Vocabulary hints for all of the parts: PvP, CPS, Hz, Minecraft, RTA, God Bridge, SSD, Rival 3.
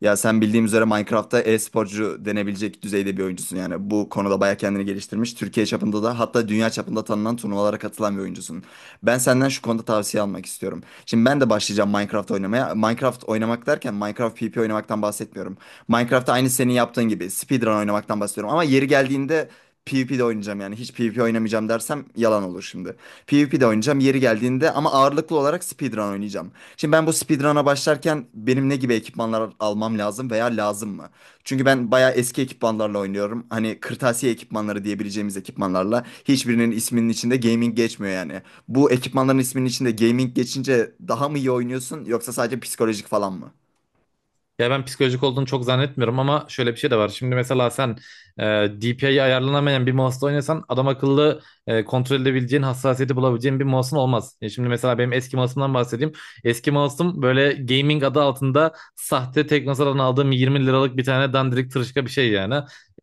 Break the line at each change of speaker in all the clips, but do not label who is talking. Ya sen bildiğim üzere Minecraft'ta e-sporcu denebilecek düzeyde bir oyuncusun yani. Bu konuda bayağı kendini geliştirmiş. Türkiye çapında da hatta dünya çapında tanınan turnuvalara katılan bir oyuncusun. Ben senden şu konuda tavsiye almak istiyorum. Şimdi ben de başlayacağım Minecraft oynamaya. Minecraft oynamak derken Minecraft PvP oynamaktan bahsetmiyorum. Minecraft'ta aynı senin yaptığın gibi speedrun oynamaktan bahsediyorum. Ama yeri geldiğinde PvP de oynayacağım yani. Hiç PvP oynamayacağım dersem yalan olur şimdi. PvP'de oynayacağım yeri geldiğinde ama ağırlıklı olarak speedrun oynayacağım. Şimdi ben bu speedrun'a başlarken benim ne gibi ekipmanlar almam lazım veya lazım mı? Çünkü ben bayağı eski ekipmanlarla oynuyorum. Hani kırtasiye ekipmanları diyebileceğimiz ekipmanlarla hiçbirinin isminin içinde gaming geçmiyor yani. Bu ekipmanların isminin içinde gaming geçince daha mı iyi oynuyorsun yoksa sadece psikolojik falan mı?
Ya ben psikolojik olduğunu çok zannetmiyorum ama şöyle bir şey de var. Şimdi mesela sen e, DPI'yi ayarlanamayan bir mouse'la oynasan adam akıllı kontrol edebileceğin, hassasiyeti bulabileceğin bir mouse'un olmaz. Şimdi mesela benim eski mouse'umdan bahsedeyim. Eski mouse'um böyle gaming adı altında sahte Teknosa'dan aldığım 20 liralık bir tane dandirik tırışka bir şey yani.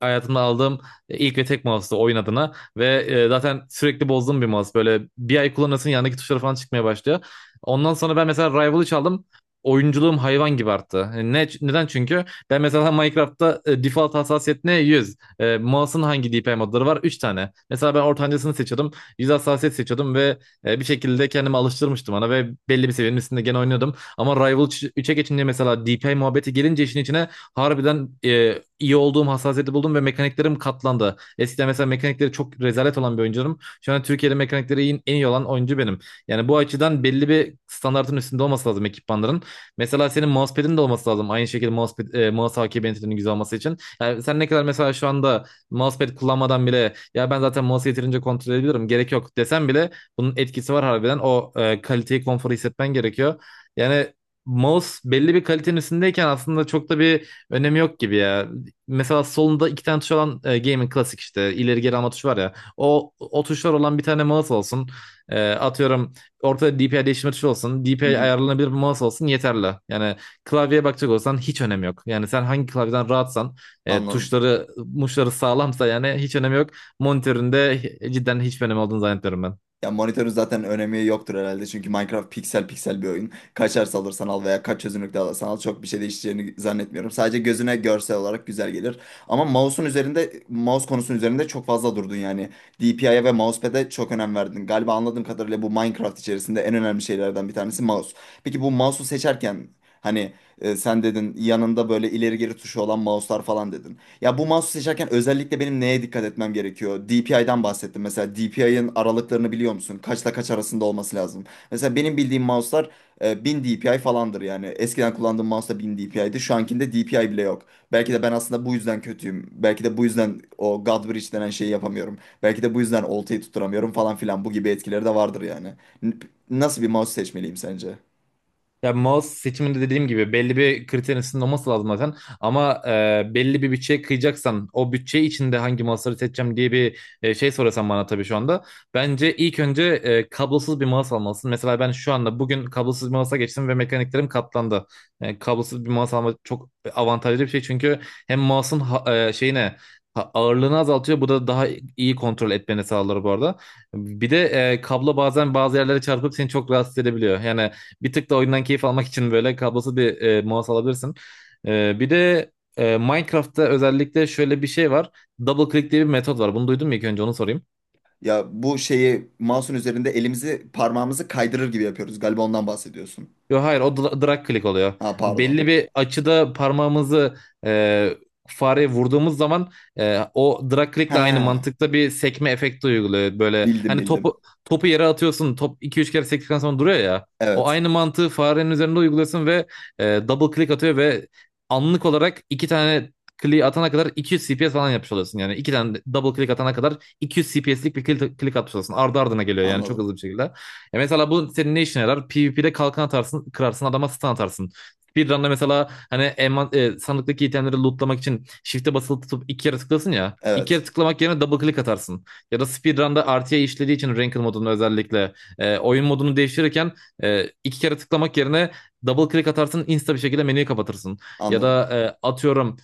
Hayatımda aldığım ilk ve tek mouse'tu oyun adına ve zaten sürekli bozduğum bir mouse. Böyle bir ay kullanırsın, yanındaki tuşları falan çıkmaya başlıyor. Ondan sonra ben mesela Rival'ı çaldım, oyunculuğum hayvan gibi arttı. Hani neden, çünkü ben mesela Minecraft'ta default hassasiyet ne? 100. E, mouse'un hangi DPI modları var? 3 tane. Mesela ben ortancasını seçiyordum. 100 hassasiyet seçiyordum ve bir şekilde kendimi alıştırmıştım ona ve belli bir seviyenin üstünde gene oynuyordum. Ama Rival 3'e geçince, mesela DPI muhabbeti gelince işin içine, harbiden iyi olduğum hassasiyeti buldum ve mekaniklerim katlandı. Eskiden mesela mekanikleri çok rezalet olan bir oyuncuyum. Şu an Türkiye'de mekanikleri en iyi olan oyuncu benim. Yani bu açıdan belli bir standartın üstünde olması lazım ekipmanların. Mesela senin mousepad'in de olması lazım. Aynı şekilde mousepad, mouse hakimiyetinin güzel olması için. Yani sen ne kadar mesela şu anda mousepad kullanmadan bile, ya ben zaten mouse'u yeterince kontrol edebilirim gerek yok desem bile, bunun etkisi var harbiden. O kaliteyi, konforu hissetmen gerekiyor. Yani mouse belli bir kalitenin üstündeyken aslında çok da bir önemi yok gibi ya. Mesela solunda iki tane tuş olan gaming klasik, işte ileri geri alma tuşu var ya. O tuşlar olan bir tane mouse olsun. Atıyorum, ortada DPI değiştirme tuşu olsun.
Hı
DPI
hı.
ayarlanabilir bir mouse olsun, yeterli. Yani klavyeye bakacak olsan hiç önemi yok. Yani sen hangi klavyeden rahatsan,
Anladım.
tuşları muşları sağlamsa, yani hiç önemi yok. Monitöründe cidden hiç önemi olduğunu zannetmiyorum ben.
Ya monitörün zaten önemi yoktur herhalde çünkü Minecraft piksel piksel bir oyun. Kaç hertz alırsan al veya kaç çözünürlükte alırsan al çok bir şey değişeceğini zannetmiyorum. Sadece gözüne görsel olarak güzel gelir. Ama mouse'un üzerinde, mouse konusunun üzerinde çok fazla durdun yani. DPI'ye ve mousepad'e çok önem verdin. Galiba anladığım kadarıyla bu Minecraft içerisinde en önemli şeylerden bir tanesi mouse. Peki bu mouse'u seçerken hani sen dedin yanında böyle ileri geri tuşu olan mouse'lar falan dedin. Ya bu mouse'u seçerken özellikle benim neye dikkat etmem gerekiyor? DPI'den bahsettim. Mesela DPI'ın aralıklarını biliyor musun? Kaçla kaç arasında olması lazım. Mesela benim bildiğim mouse'lar 1000 DPI falandır yani. Eskiden kullandığım mouse da 1000 idi. Şu ankinde DPI bile yok. Belki de ben aslında bu yüzden kötüyüm. Belki de bu yüzden o God Bridge denen şeyi yapamıyorum. Belki de bu yüzden oltayı tutturamıyorum falan filan. Bu gibi etkileri de vardır yani. N- Nasıl bir mouse seçmeliyim sence?
Ya mouse seçiminde dediğim gibi belli bir kriterin üstünde sınırlaması lazım zaten. Ama belli bir bütçeye kıyacaksan, o bütçe içinde hangi mouse'ları seçeceğim diye bir şey sorasan bana tabii şu anda, bence ilk önce kablosuz bir mouse almalısın. Mesela ben şu anda, bugün, kablosuz bir mouse'a geçtim ve mekaniklerim katlandı. Kablosuz bir mouse almak çok avantajlı bir şey, çünkü hem mouse'un ağırlığını azaltıyor. Bu da daha iyi kontrol etmeni sağlar bu arada. Bir de kablo bazen bazı yerlere çarpıp seni çok rahatsız edebiliyor. Yani bir tık da oyundan keyif almak için böyle kablosuz bir mouse alabilirsin. Bir de Minecraft'ta özellikle şöyle bir şey var. Double click diye bir metot var. Bunu duydun mu, ilk önce onu sorayım.
Ya bu şeyi mouse'un üzerinde elimizi parmağımızı kaydırır gibi yapıyoruz. Galiba ondan bahsediyorsun.
Yok hayır, o drag click oluyor.
Ha pardon.
Belli bir açıda parmağımızı e, fareye vurduğumuz zaman, o drag click'le aynı
Ha
mantıkta bir sekme efekti uyguluyor. Böyle
bildim
hani topu
bildim.
topu yere atıyorsun, top 2-3 kere sektikten sonra duruyor ya. O
Evet
aynı mantığı farenin üzerinde uyguluyorsun ve double click atıyor ve anlık olarak iki tane click atana kadar 200 CPS falan yapmış oluyorsun. Yani iki tane double click atana kadar 200 CPS'lik bir click atmış oluyorsun. Ardı ardına geliyor yani, çok
anladım.
hızlı bir şekilde. Mesela bu senin ne işine yarar? PvP'de kalkan atarsın, kırarsın, adama stun atarsın. Speedrun'da mesela, hani, sandıktaki itemleri lootlamak için shift'e basılı tutup iki kere tıklasın ya. İki kere
Evet
tıklamak yerine double click atarsın. Ya da speedrun'da RTA işlediği için ranked modunu özellikle, oyun modunu değiştirirken, iki kere tıklamak yerine double click atarsın, insta bir şekilde menüyü kapatırsın. Ya
anladım.
da atıyorum,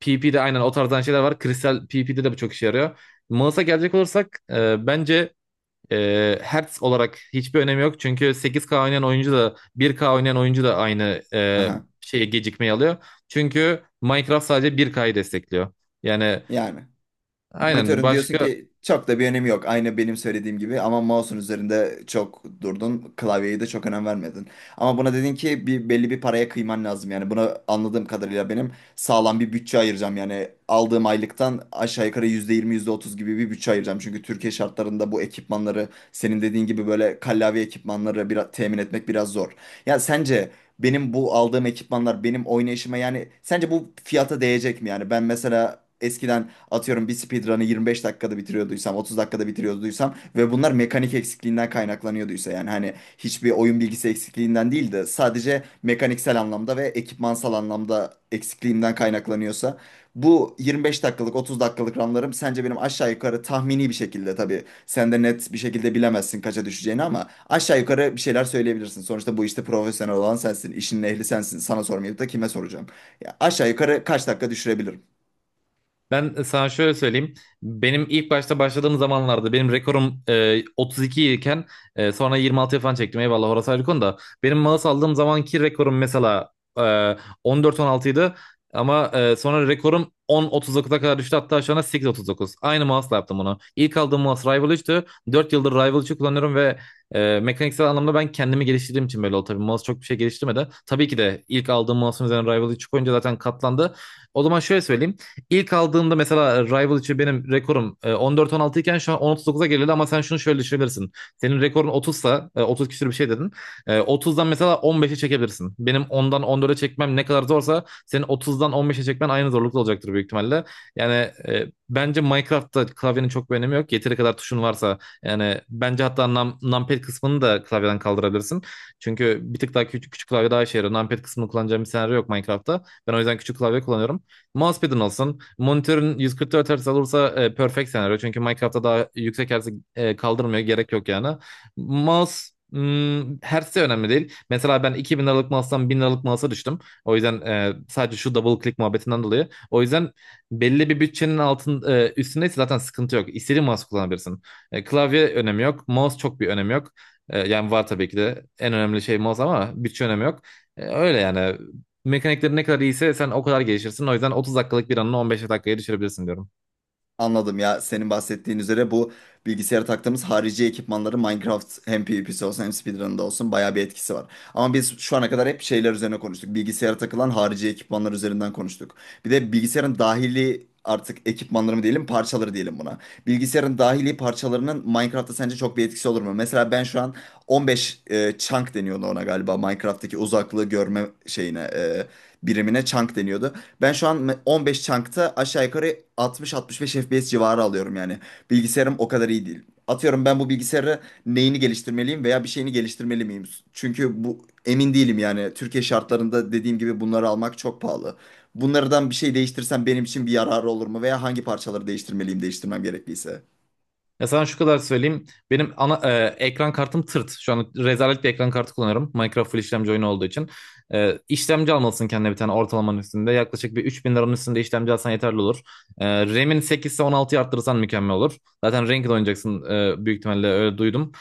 PvP'de aynen o tarzdan şeyler var. Kristal PvP'de de bu çok işe yarıyor. Mouse'a gelecek olursak, bence hertz olarak hiçbir önemi yok. Çünkü 8K oynayan oyuncu da, 1K oynayan oyuncu da aynı
Aha.
şeye gecikmeyi alıyor. Çünkü Minecraft sadece 1K'yı destekliyor. Yani
Yani
aynen,
Monitörün diyorsun
başka.
ki çok da bir önemi yok. Aynı benim söylediğim gibi ama mouse'un üzerinde çok durdun. Klavyeye de çok önem vermedin. Ama buna dedin ki bir belli bir paraya kıyman lazım. Yani buna anladığım kadarıyla benim sağlam bir bütçe ayıracağım. Yani aldığım aylıktan aşağı yukarı %20 yüzde otuz gibi bir bütçe ayıracağım. Çünkü Türkiye şartlarında bu ekipmanları senin dediğin gibi böyle kallavi ekipmanları biraz temin etmek biraz zor. Ya sence benim bu aldığım ekipmanlar benim oynayışıma yani sence bu fiyata değecek mi? Yani ben mesela eskiden atıyorum bir speedrun'ı 25 dakikada bitiriyorduysam 30 dakikada bitiriyorduysam ve bunlar mekanik eksikliğinden kaynaklanıyorduysa yani hani hiçbir oyun bilgisi eksikliğinden değil de sadece mekaniksel anlamda ve ekipmansal anlamda eksikliğimden kaynaklanıyorsa bu 25 dakikalık 30 dakikalık runlarım sence benim aşağı yukarı tahmini bir şekilde tabii sen de net bir şekilde bilemezsin kaça düşeceğini ama aşağı yukarı bir şeyler söyleyebilirsin. Sonuçta bu işte profesyonel olan sensin, işin ehli sensin. Sana sormayıp da kime soracağım? Ya aşağı yukarı kaç dakika düşürebilirim?
Ben sana şöyle söyleyeyim. Benim ilk başta başladığım zamanlarda benim rekorum 32 iken, sonra 26 falan çektim. Eyvallah, orası ayrı konu da. Benim mouse aldığım zamanki rekorum mesela e, 14-16 idi. Ama sonra rekorum 10.39'a kadar düştü. Hatta şu anda 8.39. Aynı mouse'la yaptım bunu. İlk aldığım mouse Rival 3'tü. 4 yıldır Rival 3'ü kullanıyorum ve mekaniksel anlamda ben kendimi geliştirdiğim için böyle oldu. Tabii mouse çok bir şey geliştirmedi. Tabii ki de ilk aldığım mouse'un üzerine Rival 3 koyunca zaten katlandı. O zaman şöyle söyleyeyim. İlk aldığımda mesela Rival için benim rekorum 14-16 iken şu an 10-39'a geriledi, ama sen şunu şöyle düşünebilirsin. Senin rekorun 30'sa, 30 küsür bir şey dedin. E, 30'dan mesela 15'e çekebilirsin. Benim 10'dan 14'e çekmem ne kadar zorsa, senin 30'dan 15'e çekmen aynı zorlukta olacaktır büyük ihtimalle. Yani bence Minecraft'ta klavyenin çok bir önemi yok. Yeteri kadar tuşun varsa yani, bence hatta numpad kısmını da klavyeden kaldırabilirsin. Çünkü bir tık daha küçük, küçük klavye daha işe yarıyor. Numpad kısmını kullanacağım bir senaryo yok Minecraft'ta. Ben o yüzden küçük klavye kullanıyorum. Mousepad'in olsun. Monitörün 144 Hz olursa, perfect senaryo. Çünkü Minecraft'ta daha yüksek hertz'i kaldırmıyor. Gerek yok yani. Mouse Hertz de önemli değil. Mesela ben 2000 liralık mouse'dan 1000 liralık mouse'a düştüm. O yüzden, sadece şu double click muhabbetinden dolayı. O yüzden belli bir bütçenin üstündeyse zaten sıkıntı yok. İstediğin mouse kullanabilirsin. Klavye önemi yok. Mouse çok bir önemi yok. Yani var, tabii ki de en önemli şey mouse, ama bütçe önemi yok. Öyle yani. Mekanikleri ne kadar iyiyse sen o kadar gelişirsin. O yüzden 30 dakikalık bir anını 15 dakikaya düşürebilirsin diyorum.
Anladım, ya senin bahsettiğin üzere bu bilgisayara taktığımız harici ekipmanların Minecraft hem PvP'si olsun hem speedrun'da olsun bayağı bir etkisi var. Ama biz şu ana kadar hep şeyler üzerine konuştuk. Bilgisayara takılan harici ekipmanlar üzerinden konuştuk. Bir de bilgisayarın dahili artık ekipmanları mı diyelim parçaları diyelim buna. Bilgisayarın dahili parçalarının Minecraft'ta sence çok bir etkisi olur mu? Mesela ben şu an 15 chunk deniyordu ona galiba, Minecraft'taki uzaklığı görme şeyine birimine chunk deniyordu. Ben şu an 15 chunk'ta aşağı yukarı 60-65 FPS civarı alıyorum yani. Bilgisayarım o kadar iyi değil. Atıyorum ben bu bilgisayarı neyini geliştirmeliyim veya bir şeyini geliştirmeli miyim? Çünkü bu emin değilim yani. Türkiye şartlarında dediğim gibi bunları almak çok pahalı. Bunlardan bir şey değiştirsem benim için bir yararı olur mu veya hangi parçaları değiştirmeliyim değiştirmem gerekliyse?
Ya sana şu kadar söyleyeyim. Benim ana ekran kartım tırt. Şu an rezalet bir ekran kartı kullanıyorum, Minecraft full işlemci oyunu olduğu için. E, işlemci almalısın kendine, bir tane ortalamanın üstünde. Yaklaşık bir 3.000 liranın üstünde işlemci alsan yeterli olur. E, RAM'in 8 ise 16'yı arttırırsan mükemmel olur. Zaten Ranked oynayacaksın büyük ihtimalle, öyle duydum.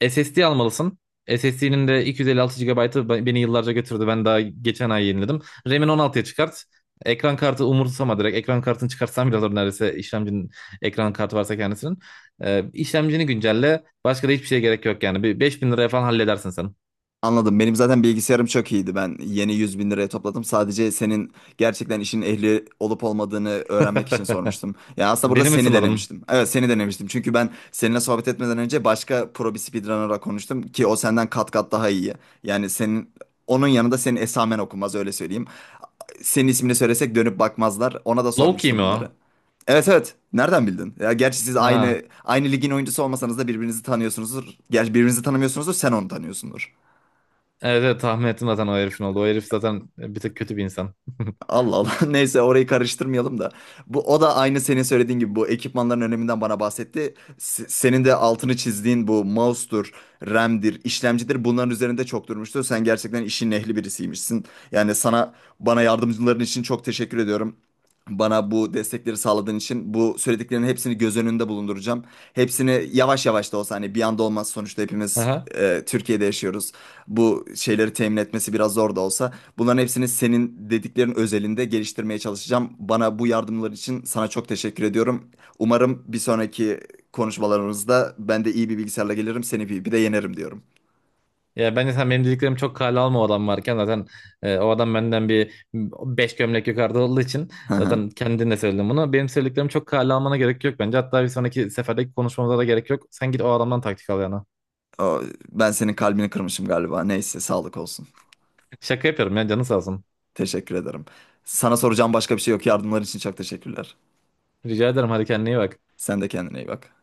E, SSD almalısın. SSD'nin de 256 GB'ı beni yıllarca götürdü. Ben daha geçen ay yeniledim. RAM'in 16'ya çıkart. Ekran kartı umursama direkt. Ekran kartını çıkartsan bile olur neredeyse, işlemcinin ekran kartı varsa kendisinin. E, işlemcini güncelle. Başka da hiçbir şeye gerek yok yani. Bir 5.000 liraya falan halledersin sen.
Anladım. Benim zaten bilgisayarım çok iyiydi. Ben yeni 100.000 liraya topladım. Sadece senin gerçekten işin ehli olup olmadığını öğrenmek için sormuştum. Ya aslında burada
Beni mi
seni
sınadın?
denemiştim. Evet seni denemiştim. Çünkü ben seninle sohbet etmeden önce başka pro bir speedrunner'la konuştum ki o senden kat kat daha iyi. Yani senin onun yanında senin esamen okunmaz öyle söyleyeyim. Senin ismini söylesek dönüp bakmazlar. Ona da
Low-key
sormuştum
mi
bunları.
o?
Evet evet. Nereden bildin? Ya gerçi siz
Ha.
aynı ligin oyuncusu olmasanız da birbirinizi tanıyorsunuzdur. Gerçi birbirinizi tanımıyorsunuzdur. Sen onu tanıyorsundur.
Evet, evet, tahmin ettim zaten o herifin oldu. O herif zaten bir tık kötü bir insan.
Allah Allah. Neyse orayı karıştırmayalım da. Bu o da aynı senin söylediğin gibi bu ekipmanların öneminden bana bahsetti. Senin de altını çizdiğin bu mouse'dur, RAM'dir, işlemcidir. Bunların üzerinde çok durmuştu. Sen gerçekten işin ehli birisiymişsin. Yani sana bana yardımcıların için çok teşekkür ediyorum. Bana bu destekleri sağladığın için bu söylediklerinin hepsini göz önünde bulunduracağım. Hepsini yavaş yavaş da olsa hani bir anda olmaz sonuçta hepimiz
Aha.
Türkiye'de yaşıyoruz. Bu şeyleri temin etmesi biraz zor da olsa bunların hepsini senin dediklerin özelinde geliştirmeye çalışacağım. Bana bu yardımlar için sana çok teşekkür ediyorum. Umarım bir sonraki konuşmalarımızda ben de iyi bir bilgisayarla gelirim, seni bir de yenerim diyorum.
Ya bence sen benim dediklerimi çok kale alma, o adam varken zaten, o adam benden bir 5 gömlek yukarıda olduğu için,
Hı hı.
zaten kendin de söyledin bunu. Benim söylediklerimi çok kale almana gerek yok bence. Hatta bir sonraki seferdeki konuşmamıza da gerek yok. Sen git o adamdan taktik al yana.
O, ben senin kalbini kırmışım galiba. Neyse sağlık olsun.
Şaka yapıyorum ya, canı sağ olsun.
Teşekkür ederim. Sana soracağım başka bir şey yok. Yardımların için çok teşekkürler.
Rica ederim, hadi kendine iyi bak.
Sen de kendine iyi bak.